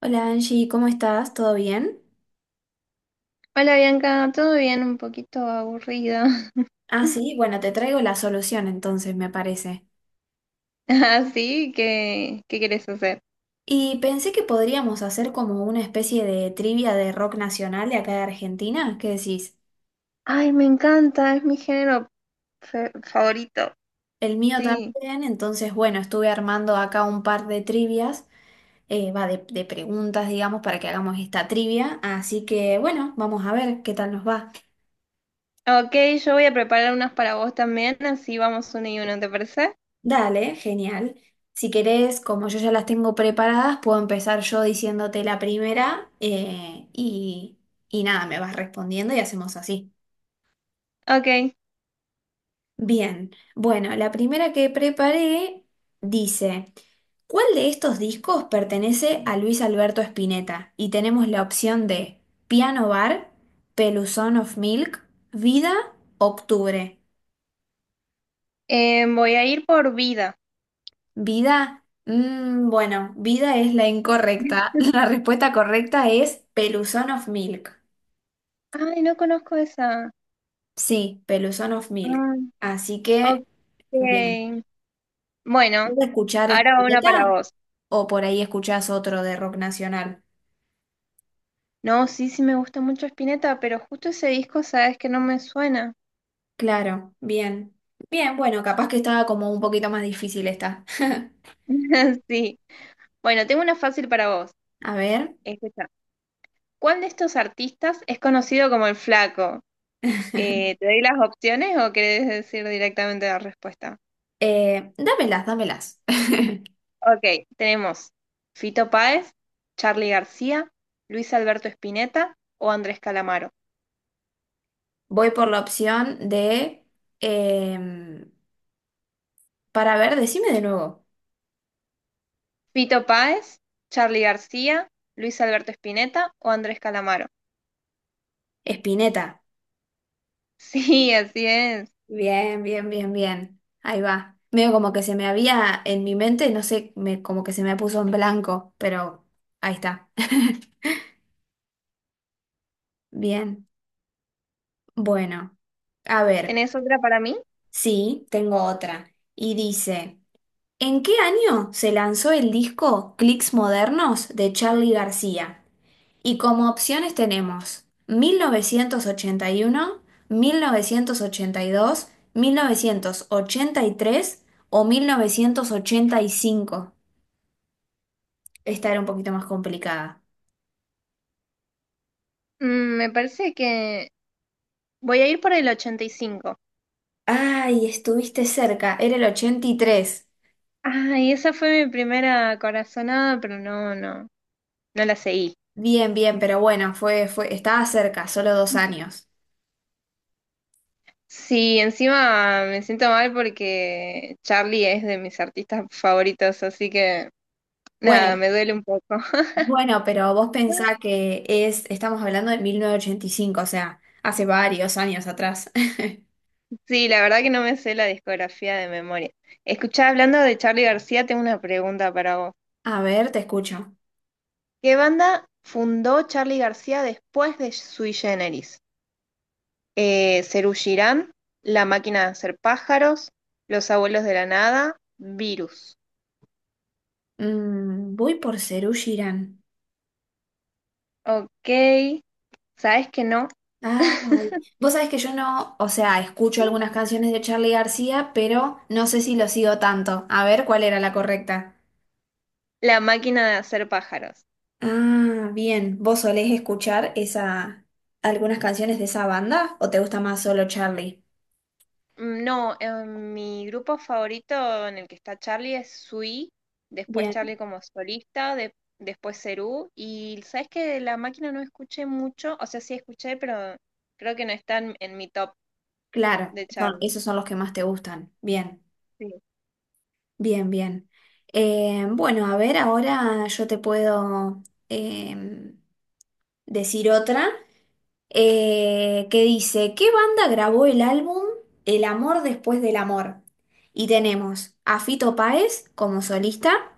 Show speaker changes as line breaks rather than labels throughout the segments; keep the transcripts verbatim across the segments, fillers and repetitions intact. Hola Angie, ¿cómo estás? ¿Todo bien?
Hola Bianca, todo bien, un poquito aburrida.
Ah, sí, bueno, te traigo la solución entonces, me parece.
Así que, ¿qué quieres hacer?
Y pensé que podríamos hacer como una especie de trivia de rock nacional de acá de Argentina. ¿Qué decís?
Ay, me encanta, es mi género fe- favorito.
El mío
Sí.
también, entonces, bueno, estuve armando acá un par de trivias, eh, va de, de preguntas, digamos, para que hagamos esta trivia. Así que, bueno, vamos a ver qué tal nos va.
Ok, yo voy a preparar unas para vos también, así vamos uno y uno, ¿te parece?
Dale, genial. Si querés, como yo ya las tengo preparadas, puedo empezar yo diciéndote la primera eh, y, y nada, me vas respondiendo y hacemos así.
Ok,
Bien, bueno, la primera que preparé dice, ¿cuál de estos discos pertenece a Luis Alberto Spinetta? Y tenemos la opción de Piano Bar, Peluzón of Milk, Vida, Octubre.
eh, voy a ir por vida.
Vida, mm, bueno, vida es la incorrecta. La respuesta correcta es Peluzón of Milk.
Ay, no conozco esa.
Sí, Peluzón of Milk.
Ah,
Así
ok.
que, bien.
Bueno,
¿Puedes escuchar
ahora una
Spinetta
para vos.
o por ahí escuchás otro de rock nacional?
No, sí, sí me gusta mucho Spinetta, pero justo ese disco, sabes que no me suena.
Claro, bien. Bien, bueno, capaz que estaba como un poquito más difícil esta.
Sí. Bueno, tengo una fácil para vos.
A ver,
Escucha, ¿cuál de estos artistas es conocido como el Flaco? Eh, ¿te doy las opciones o querés decir directamente la respuesta?
eh, dámelas, dámelas.
Ok, tenemos Fito Páez, Charly García, Luis Alberto Spinetta o Andrés Calamaro.
Voy por la opción de em, para ver, decime de nuevo.
Fito Páez, Charly García, Luis Alberto Spinetta o Andrés Calamaro.
Spinetta.
Sí, así es.
Bien, bien, bien, bien. Ahí va. Medio como que se me había en mi mente, no sé, me, como que se me puso en blanco, pero ahí está. Bien. Bueno, a ver,
¿Tenés otra para mí?
sí, tengo otra. Y dice, ¿en qué año se lanzó el disco Clics Modernos de Charly García? Y como opciones tenemos mil mil mil novecientos novecientos novecientos ochenta ochenta y y uno, dos, mil novecientos ochenta y tres o mil novecientos ochenta y cinco. Esta era un poquito más complicada.
Mm, me parece que voy a ir por el ochenta y cinco.
Ay, estuviste cerca, era el ochenta y tres.
Ay, esa fue mi primera corazonada, pero no, no, no la seguí.
Bien, bien, pero bueno, fue, fue, estaba cerca, solo dos años.
Sí, encima me siento mal porque Charlie es de mis artistas favoritos, así que nada,
Bueno,
me duele un poco.
bueno, pero vos pensá que es, estamos hablando de mil novecientos ochenta y cinco. O sea, hace varios años atrás.
Sí, la verdad que no me sé la discografía de memoria. Escuchá, hablando de Charlie García, tengo una pregunta para vos.
A ver, te escucho.
¿Qué banda fundó Charlie García después de Sui Generis? Eh, Serú Girán, La Máquina de Hacer Pájaros, Los Abuelos de la Nada, Virus.
Mm, voy por Serú Girán.
Ok, ¿sabes que no?
Ay, vos sabés que yo no, o sea, escucho algunas canciones de Charly García, pero no sé si lo sigo tanto. A ver cuál era la correcta.
La máquina de hacer pájaros.
Ah, bien. ¿Vos solés escuchar esa algunas canciones de esa banda o te gusta más solo Charlie?
Mm, no, eh, mi grupo favorito en el que está Charlie es Sui, después
Bien.
Charlie como solista, de- después Cerú, y ¿sabes que la máquina no escuché mucho? O sea, sí escuché, pero creo que no está en, en mi top
Claro,
de
son,
Charlie.
esos son los que más te gustan. Bien,
Sí.
bien, bien. Eh, bueno, a ver, ahora yo te puedo em, decir otra. eh, que dice, ¿qué banda grabó el álbum El amor después del amor? Y tenemos a Fito Páez como solista,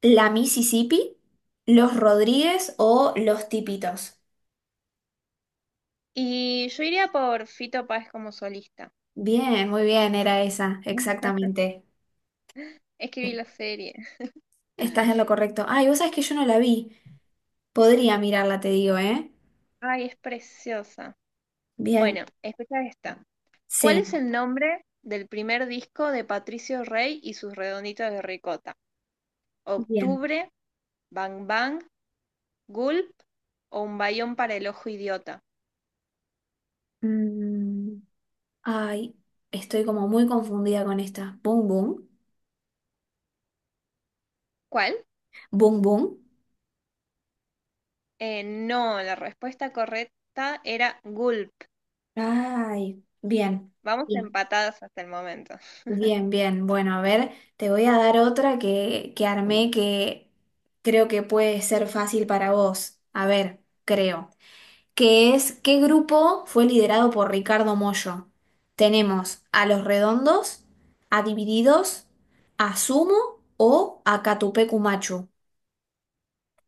La Mississippi, Los Rodríguez o Los Tipitos.
Y yo iría por Fito Páez como solista.
Bien, muy bien, era esa, exactamente.
Es que vi la serie.
Estás en lo correcto. Ay, vos sabés que yo no la vi. Podría mirarla, te digo, ¿eh?
Ay, es preciosa.
Bien,
Bueno, escucha esta. ¿Cuál es
sí,
el nombre del primer disco de Patricio Rey y sus redonditos de ricota?
bien.
¿Octubre, Bang Bang, Gulp o Un bayón para el ojo idiota?
Mm, ay, estoy como muy confundida con esta. Boom, boom.
¿Cuál?
Boom, boom.
Eh, no, la respuesta correcta era Gulp.
Ay, bien,
Vamos
bien,
empatadas hasta el momento.
bien, bien. Bueno, a ver, te voy a dar otra que, que armé que creo que puede ser fácil para vos. A ver, creo. Que es, ¿qué grupo fue liderado por Ricardo Mollo? Tenemos a Los Redondos, a Divididos, a Sumo o a Catupecu Machu.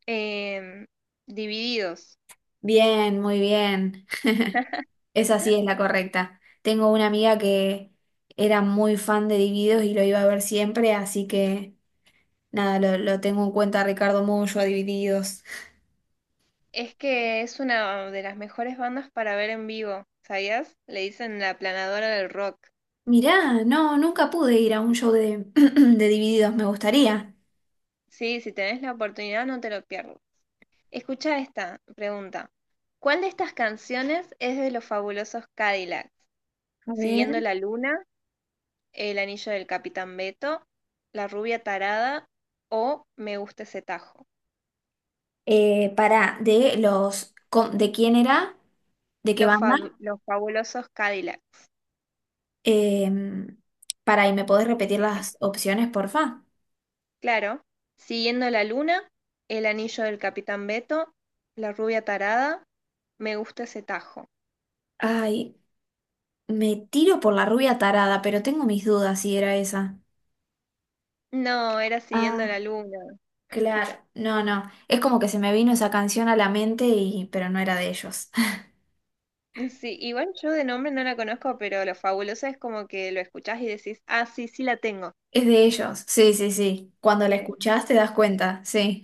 Em, divididos.
Bien, muy bien. Esa sí es la correcta. Tengo una amiga que era muy fan de Divididos y lo iba a ver siempre, así que nada, lo, lo tengo en cuenta Ricardo Mollo, a Divididos.
Es que es una de las mejores bandas para ver en vivo, ¿sabías? Le dicen la planadora del rock.
Mirá, no, nunca pude ir a un show de, de Divididos, me gustaría.
Sí, si tenés la oportunidad no te lo pierdas. Escucha esta pregunta. ¿Cuál de estas canciones es de los fabulosos Cadillacs?
A ver.
Siguiendo la luna, El anillo del Capitán Beto, La rubia tarada o Me gusta ese tajo.
Eh, para, de los, com- ¿de quién era? ¿De qué
Los,
banda?
fab- los fabulosos Cadillacs.
Em, para, ¿y me podés repetir las opciones, porfa?
Claro. Siguiendo la luna, El anillo del Capitán Beto, La rubia tarada, Me gusta ese tajo.
Ay, me tiro por la rubia tarada, pero tengo mis dudas si era esa.
No, era siguiendo
Ah.
la luna.
Claro, no, no. Es como que se me vino esa canción a la mente y, pero no era de ellos.
Sí, igual yo de nombre no la conozco, pero lo fabuloso es como que lo escuchás y decís, ah, sí, sí la tengo.
Es de ellos, sí, sí, sí. Cuando la
Sí.
escuchás te das cuenta, sí.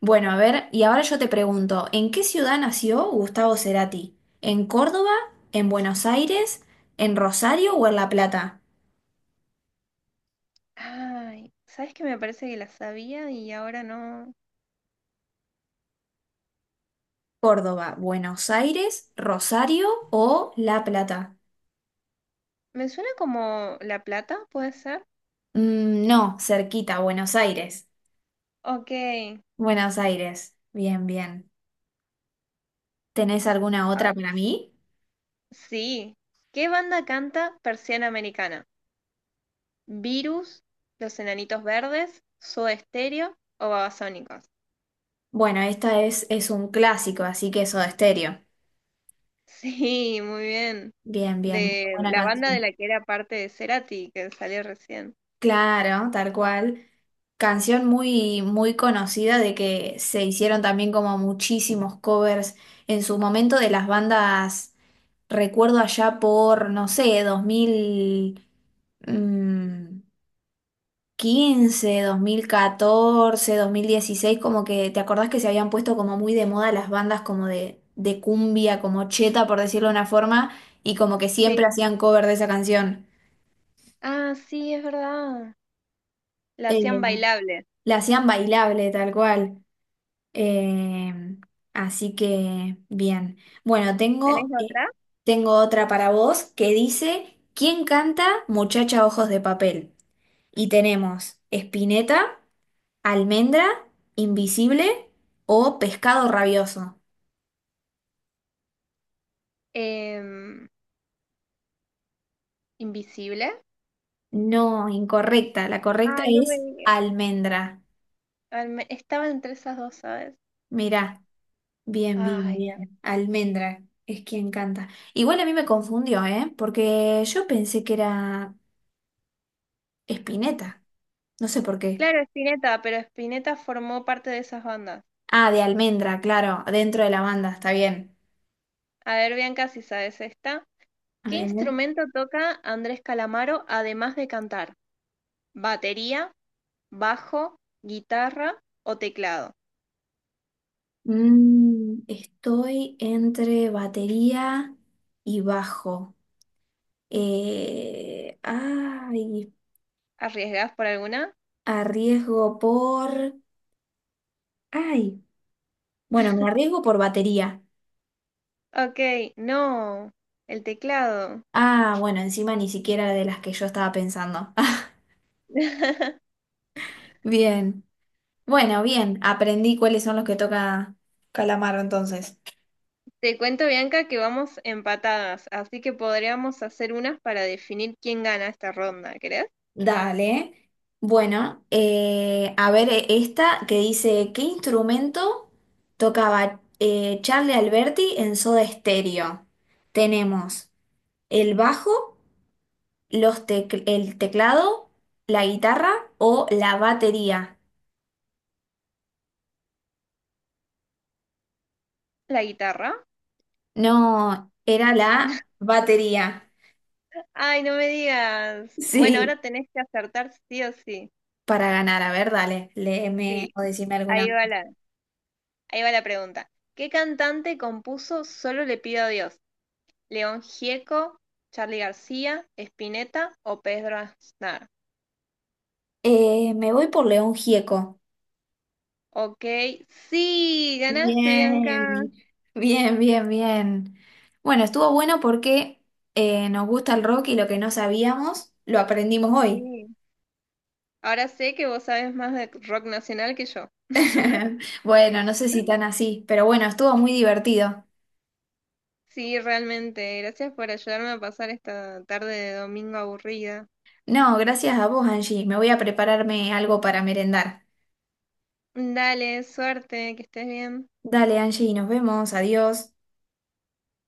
Bueno, a ver, y ahora yo te pregunto, ¿en qué ciudad nació Gustavo Cerati? ¿En Córdoba, en Buenos Aires, en Rosario o en La Plata?
Ay, ¿sabes qué? Me parece que la sabía y ahora no.
Córdoba, Buenos Aires, Rosario o La Plata.
Me suena como La Plata, ¿puede ser?
Mm, no, cerquita, Buenos Aires.
Ok.
Buenos Aires. Bien, bien. ¿Tenés alguna
Ah,
otra para mí?
sí. ¿Qué banda canta Persiana Americana? ¿Virus? ¿Los Enanitos Verdes? ¿Soda Stereo o Babasónicos?
Bueno, esta es, es un clásico, así que Soda Stereo.
Sí, muy bien.
Bien, bien, muy
De
buena
la banda de
canción.
la que era parte de Cerati, que salió recién.
Claro, tal cual. Canción muy, muy conocida de que se hicieron también como muchísimos covers en su momento de las bandas, recuerdo allá por, no sé, dos mil mm, quince, dos mil catorce, dos mil dieciséis, como que te acordás que se habían puesto como muy de moda las bandas como de, de cumbia, como cheta, por decirlo de una forma, y como que siempre
Sí.
hacían cover de esa canción.
Ah, sí, es verdad. La hacían
Eh,
bailable.
la hacían bailable, tal cual. Eh, así que, bien. Bueno,
¿Tenés
tengo, eh,
otra?
tengo otra para vos que dice, ¿quién canta Muchacha Ojos de Papel? Y tenemos Spinetta, Almendra, Invisible o Pescado Rabioso.
Em, invisible.
No, incorrecta. La correcta
Ay, no me
es
digas.
almendra.
Ay, me- estaba entre esas dos, ¿sabes?
Mirá, bien, bien,
Ay, Dios.
bien. Almendra es quien canta. Igual a mí me confundió, ¿eh? Porque yo pensé que era Espineta. No sé por qué.
Claro, Spinetta, pero Spinetta formó parte de esas bandas.
Ah, de almendra, claro, dentro de la banda, está bien.
A ver, Bianca, si sabes esta.
A
¿Qué
ver.
instrumento toca Andrés Calamaro además de cantar? ¿Batería, bajo, guitarra o teclado?
Mm, estoy entre batería y bajo. Eh, ay,
¿Arriesgás por alguna?
arriesgo por... Ay, bueno, me arriesgo por batería.
Ok, no, el teclado.
Ah, bueno, encima ni siquiera de las que yo estaba pensando. Bien. Bueno, bien, aprendí cuáles son los que toca Calamaro entonces.
Te cuento, Bianca, que vamos empatadas, así que podríamos hacer unas para definir quién gana esta ronda. ¿Querés?
Dale. Bueno, eh, a ver eh, esta que dice, ¿qué instrumento tocaba eh, Charlie Alberti en Soda Stereo? Tenemos el bajo, los tec- el teclado, la guitarra o la batería.
¿La guitarra?
No, era la batería.
Ay, no me digas. Bueno,
Sí,
ahora tenés que acertar sí o sí.
para ganar. A ver, dale, léeme
Sí,
o decime alguna
ahí va
más.
la, ahí va la pregunta. ¿Qué cantante compuso Solo le pido a Dios? ¿León Gieco, Charly García, Spinetta o Pedro Aznar?
Eh, me voy por León Gieco.
Ok, sí, ganaste,
Bien,
Bianca.
bien, bien, bien. Bueno, estuvo bueno porque eh, nos gusta el rock y lo que no sabíamos lo aprendimos hoy.
Sí. Ahora sé que vos sabes más de rock nacional que yo.
Bueno, no sé si tan así, pero bueno, estuvo muy divertido.
Sí, realmente. Gracias por ayudarme a pasar esta tarde de domingo aburrida.
No, gracias a vos, Angie. Me voy a prepararme algo para merendar.
Dale, suerte, que estés bien.
Dale, Angie, nos vemos.